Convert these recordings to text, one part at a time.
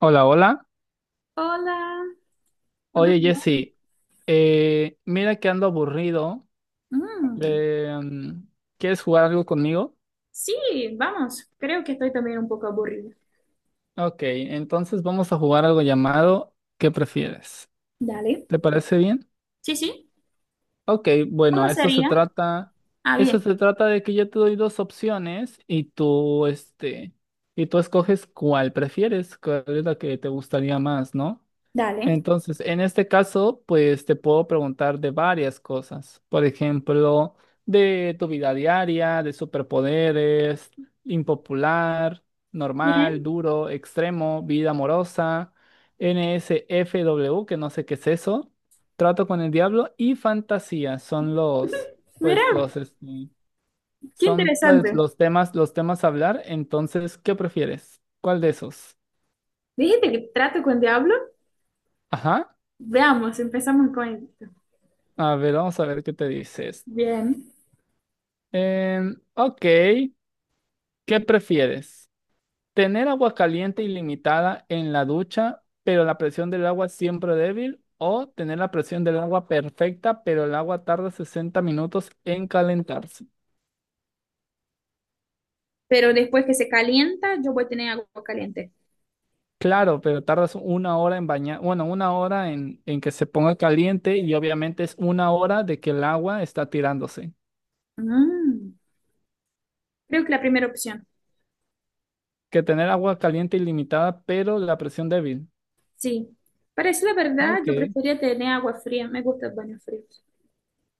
Hola, hola. Hola, ¿todo Oye, bien? Jesse, mira que ando aburrido. Mm, Eh, mm, ¿Quieres jugar algo conmigo? sí, vamos, creo que estoy también un poco aburrida. Ok, entonces vamos a jugar algo llamado ¿Qué prefieres? Dale, ¿Te parece bien? sí, sí, Ok, bueno, ¿cómo sería? Ah, esto bien, se trata de que yo te doy dos opciones y tú escoges cuál prefieres, cuál es la que te gustaría más, ¿no? dale. Entonces, en este caso, pues te puedo preguntar de varias cosas. Por ejemplo, de tu vida diaria, de superpoderes, impopular, normal, Bien. duro, extremo, vida amorosa, NSFW, que no sé qué es eso, trato con el diablo y fantasía. Pues Mira, los, este, qué son pues interesante. Los temas a hablar. Entonces, ¿qué prefieres? ¿Cuál de esos? Dijiste que trato con diablo. Ajá. Veamos, empezamos con esto. A ver, vamos a ver qué te dice. Bien. Ok, ¿qué prefieres? ¿Tener agua caliente ilimitada en la ducha, pero la presión del agua siempre débil? ¿O tener la presión del agua perfecta, pero el agua tarda 60 minutos en calentarse? Pero después que se calienta, yo voy a tener agua caliente. Claro, pero tardas una hora en bañar, bueno, una hora en que se ponga caliente y obviamente es una hora de que el agua está tirándose. Mm, creo que la primera opción, Que tener agua caliente ilimitada, pero la presión débil. sí. Para decir la verdad, Ok. yo prefería tener agua fría, me gusta el baño frío.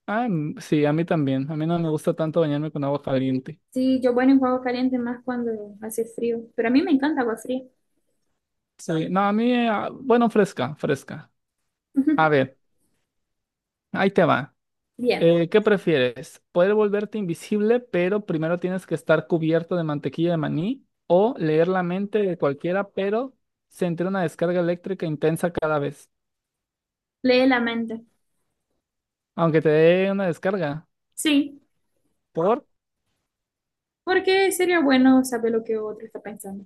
Ah, sí, a mí también. A mí no me gusta tanto bañarme con agua caliente. Sí, yo bueno en agua caliente más cuando hace frío, pero a mí me encanta agua fría. Sí, no, a mí, bueno, fresca, fresca. Ujú. A ver, ahí te va. Bien, ¿Qué prefieres? ¿Poder volverte invisible, pero primero tienes que estar cubierto de mantequilla de maní? ¿O leer la mente de cualquiera, pero sentir una descarga eléctrica intensa cada vez? lee la mente. Aunque te dé una descarga. Sí, ¿Por? porque sería bueno saber lo que otro está pensando.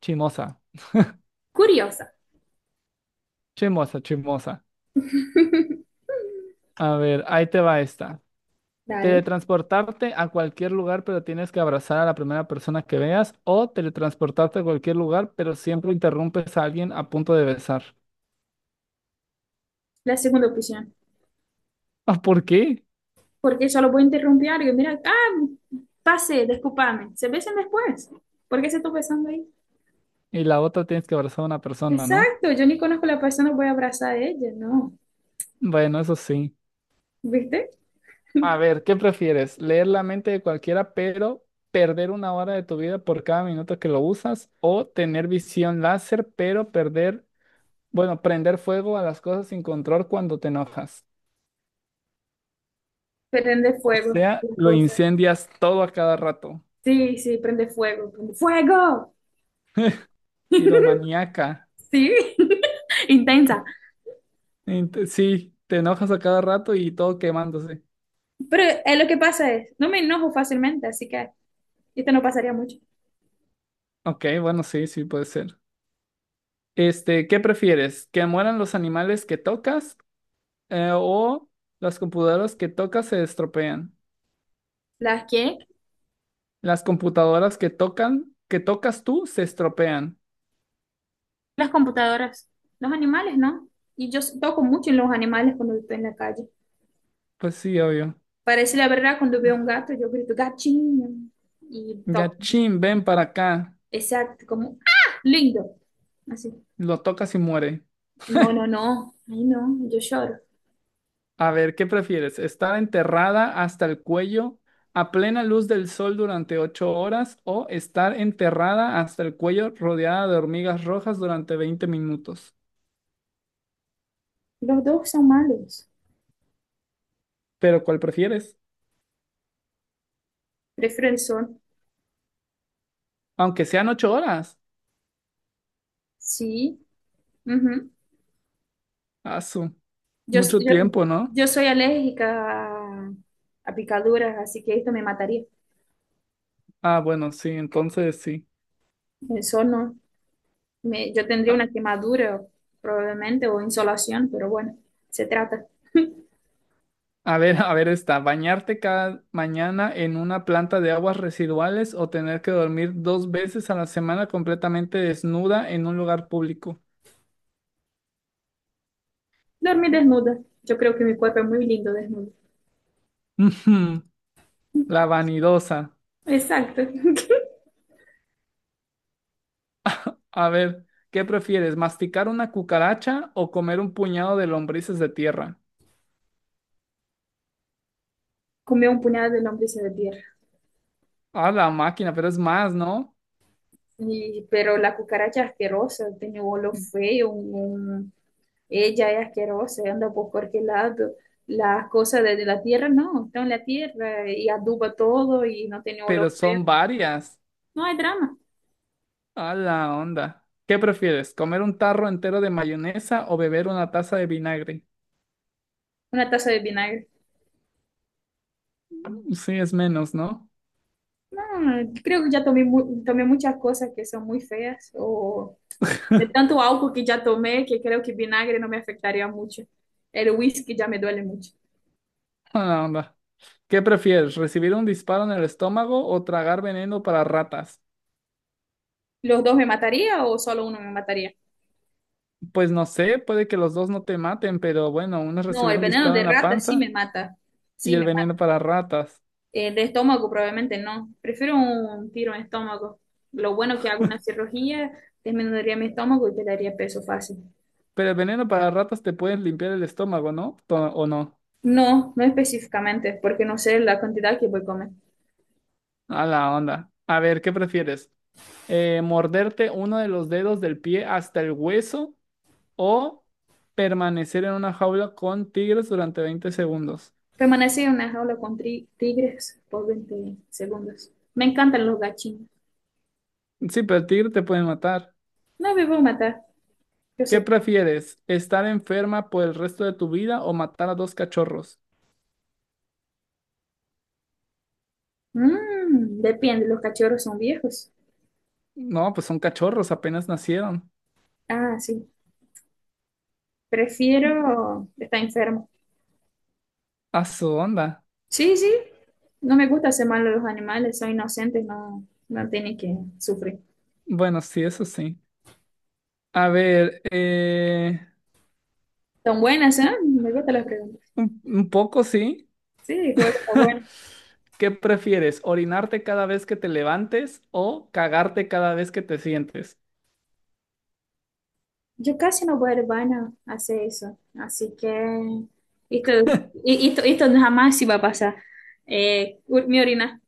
Chimosa, Curiosa. chimosa, chimosa. A ver, ahí te va esta. Dale, Teletransportarte a cualquier lugar, pero tienes que abrazar a la primera persona que veas. O teletransportarte a cualquier lugar, pero siempre interrumpes a alguien a punto de besar. la segunda opción. Ah, ¿por qué? Porque solo voy a interrumpir algo. Mira, pase, discúlpame. Se besan después. ¿Por qué se está besando ahí? Y la otra tienes que abrazar a una persona, ¿no? Exacto, yo ni conozco a la persona, voy a abrazar a ella, no. Bueno, eso sí. ¿Viste? A ver, ¿qué prefieres? ¿Leer la mente de cualquiera, pero perder una hora de tu vida por cada minuto que lo usas? ¿O tener visión láser, pero bueno, prender fuego a las cosas sin control cuando te enojas? Prende O fuego, sea, las lo cosas. incendias todo a cada rato. Sí, sí, prende fuego, prende fuego. Piromaníaca. Sí, intensa. Sí, te enojas a cada rato y todo quemándose. Pero lo que pasa es, no me enojo fácilmente, así que esto no pasaría mucho. Ok, bueno, sí, sí puede ser. ¿Qué prefieres? ¿Que mueran los animales que tocas o las computadoras que tocas se estropean? ¿Las qué? Las computadoras que tocan, que tocas tú se estropean. Las computadoras. Los animales, ¿no? Y yo toco mucho en los animales cuando estoy en la calle. Pues sí, obvio. Para decir la verdad, cuando veo un gato, yo grito gachiño y toco. Gachín, ven para acá. Exacto, como, ¡ah! Lindo. Así. Lo tocas y muere. No, no, no. Ahí no, yo lloro. A ver, ¿qué prefieres? ¿Estar enterrada hasta el cuello a plena luz del sol durante 8 horas o estar enterrada hasta el cuello rodeada de hormigas rojas durante 20 minutos? Los dos son malos. Pero ¿cuál prefieres? Prefiero el sol. Aunque sean 8 horas. Sí. Ujú. Ah, Yo, mucho yo, tiempo, ¿no? yo soy alérgica a picaduras, así que esto me mataría. Ah, bueno, sí, entonces sí. El sol no. Me- yo tendría A, una quemadura probablemente o insolación, pero bueno, se trata. a ver, a ver esta. ¿Bañarte cada mañana en una planta de aguas residuales o tener que dormir dos veces a la semana completamente desnuda en un lugar público? Dormir desnuda. Yo creo que mi cuerpo es muy lindo desnudo. La vanidosa. Exacto. A ver, ¿qué prefieres? ¿Masticar una cucaracha o comer un puñado de lombrices de tierra? Comí un puñado de lombrices de tierra. A la máquina, pero es más, ¿no? Y, pero la cucaracha asquerosa, tenía un olor feo, un, ella es asquerosa, anda por cualquier lado. Las cosas de la tierra no, está en la tierra y aduba todo y no tiene olor Pero feo. son varias. No hay drama. A la onda. ¿Qué prefieres? ¿Comer un tarro entero de mayonesa o beber una taza de vinagre? Una taza de vinagre. Sí, es menos, ¿no? No, creo que ya tomé, mu- tomé muchas cosas que son muy feas o de tanto alcohol que ya tomé que creo que vinagre no me afectaría mucho. El whisky ya me duele mucho. A la onda. ¿Qué prefieres? ¿Recibir un disparo en el estómago o tragar veneno para ratas? ¿Los dos me mataría o solo uno me mataría? Pues no sé, puede que los dos no te maten, pero bueno, uno es No, recibir el un veneno disparo de en la rata sí panza me mata. y Sí el me veneno para ratas. De estómago probablemente no. Prefiero un tiro en estómago. Lo bueno que hago una cirugía, disminuiría mi estómago y perdería peso fácil. Pero el veneno para ratas te pueden limpiar el estómago, ¿no? ¿O no? No, no específicamente, porque no sé la cantidad que voy a comer. A la onda. A ver, ¿qué prefieres? ¿Morderte uno de los dedos del pie hasta el hueso o permanecer en una jaula con tigres durante 20 segundos? Permanecí en una jaula con tigres por 20 segundos. Me encantan los gachinos. Sí, pero el tigre te puede matar. No me voy a matar. Yo ¿Qué sé. prefieres? ¿Estar enferma por el resto de tu vida o matar a dos cachorros? Mm, depende, los cachorros son viejos. No, pues son cachorros, apenas nacieron. Ah, sí. Prefiero estar enfermo. A su onda. Sí, sí, no me gusta hacer mal a los animales, son inocentes, no, no tienen que sufrir. Bueno, sí, eso sí. A ver, Son buenas, ¿eh? Me gustan las preguntas. un poco sí. Sí, juego está bueno. ¿Qué prefieres? ¿Orinarte cada vez que te levantes o cagarte cada vez que te sientes? Yo casi no voy al baño a hacer eso, así que esto, esto, esto jamás se va a pasar. Mi orina.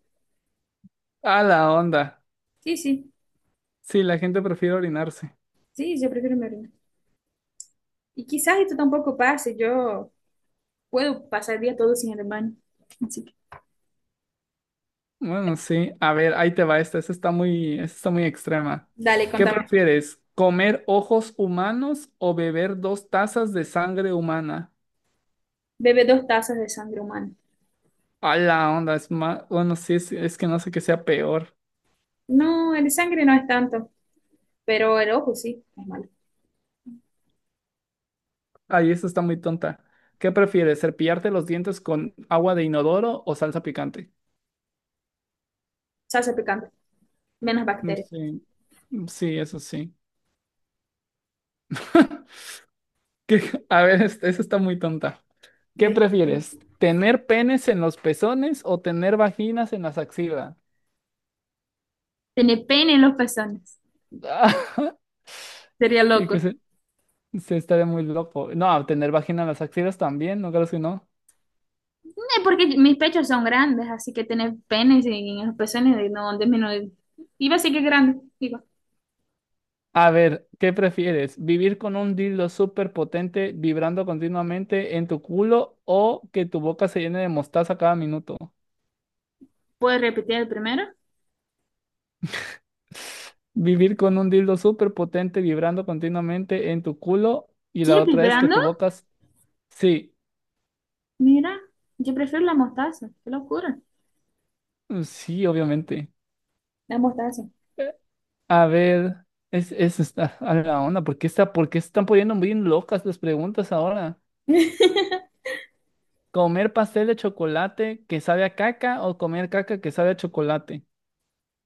A la onda. Sí, sí, Sí, la gente prefiere orinarse. sí, yo prefiero mi orina. Y quizás esto tampoco pase, yo puedo pasar el día todo sin el baño. Así que, Bueno, sí. A ver, ahí te va esta. Esta está muy extrema. dale, ¿Qué contame. prefieres? ¿Comer ojos humanos o beber dos tazas de sangre humana? Bebe dos tazas de sangre humana. A la onda. Es más. Bueno, sí, es que no sé qué sea peor. No, el sangre no es tanto. Pero el ojo sí, es malo. Ahí esta está muy tonta. ¿Qué prefieres? ¿Cepillarte los dientes con agua de inodoro o salsa picante? Se hace picante, menos bacterias. Sí. Sí, eso sí. ¿Qué- A ver, esa está muy tonta. ¿Qué Ve. prefieres? ¿Tener penes en los pezones o tener vaginas en las axilas? Tener pene en los pezones. Sería Y que loco. se estaría muy loco. No, tener vagina en las axilas también, no creo que no. Porque mis pechos son grandes, así que tener penes en los pezones no disminuye. Iba a decir que es grande. Digo, A ver, ¿qué prefieres? ¿Vivir con un dildo súper potente vibrando continuamente en tu culo o que tu boca se llene de mostaza cada minuto? ¿puedes repetir el primero? Vivir con un dildo súper potente vibrando continuamente en tu culo y la ¿Qué otra es que vibrando? tu boca. Sí, Mira, yo prefiero la mostaza. Qué locura. Sí, obviamente. La mostaza. Eh, A ver, es está a la onda. Por qué se están poniendo bien locas las preguntas ahora? ¿Comer pastel de chocolate que sabe a caca o comer caca que sabe a chocolate?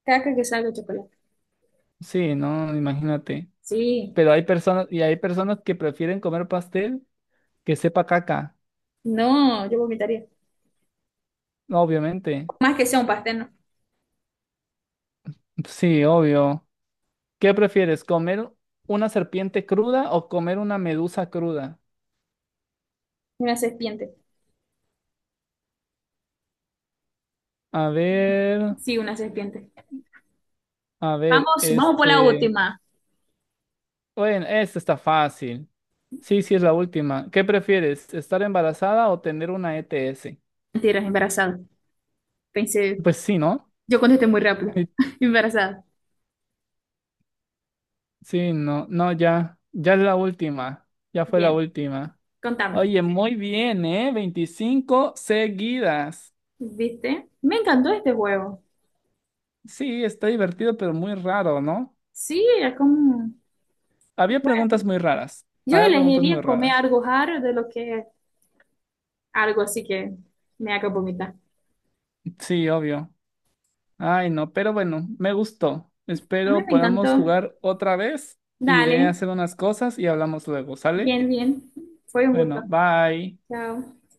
Caca que salga de chocolate. Sí, no, imagínate. Sí. Pero hay personas que prefieren comer pastel que sepa caca, No, yo vomitaría. obviamente. Más que sea un pastel, no. Sí, obvio. ¿Qué prefieres, comer una serpiente cruda o comer una medusa cruda? Una serpiente. A ver, Sí, una serpiente. a ver, Vamos, vamos por la este. última. Bueno, esta está fácil. Sí, sí, es la última. ¿Qué prefieres, estar embarazada o tener una ETS? Mentiras, embarazada. Pensé, Pues sí, ¿no? yo contesté muy rápido. Sí, Embarazada. sí, no, no, ya, ya es la última. Ya fue la Bien, última. contame. Oye, muy bien, ¿eh? 25 seguidas. ¿Viste? Me encantó este juego. Sí, está divertido, pero muy raro, ¿no? Sí, es como... Había bueno, preguntas muy raras. yo Había preguntas elegiría muy comer raras. algo raro de lo que algo así que me haga vomitar. Sí, obvio. Ay, no, pero bueno, me gustó. A mí Espero me podamos encantó. jugar otra vez. Iré a Dale. hacer unas cosas y hablamos luego, ¿sale? Bien, bien. Fue un gusto. Bueno, bye. Chao.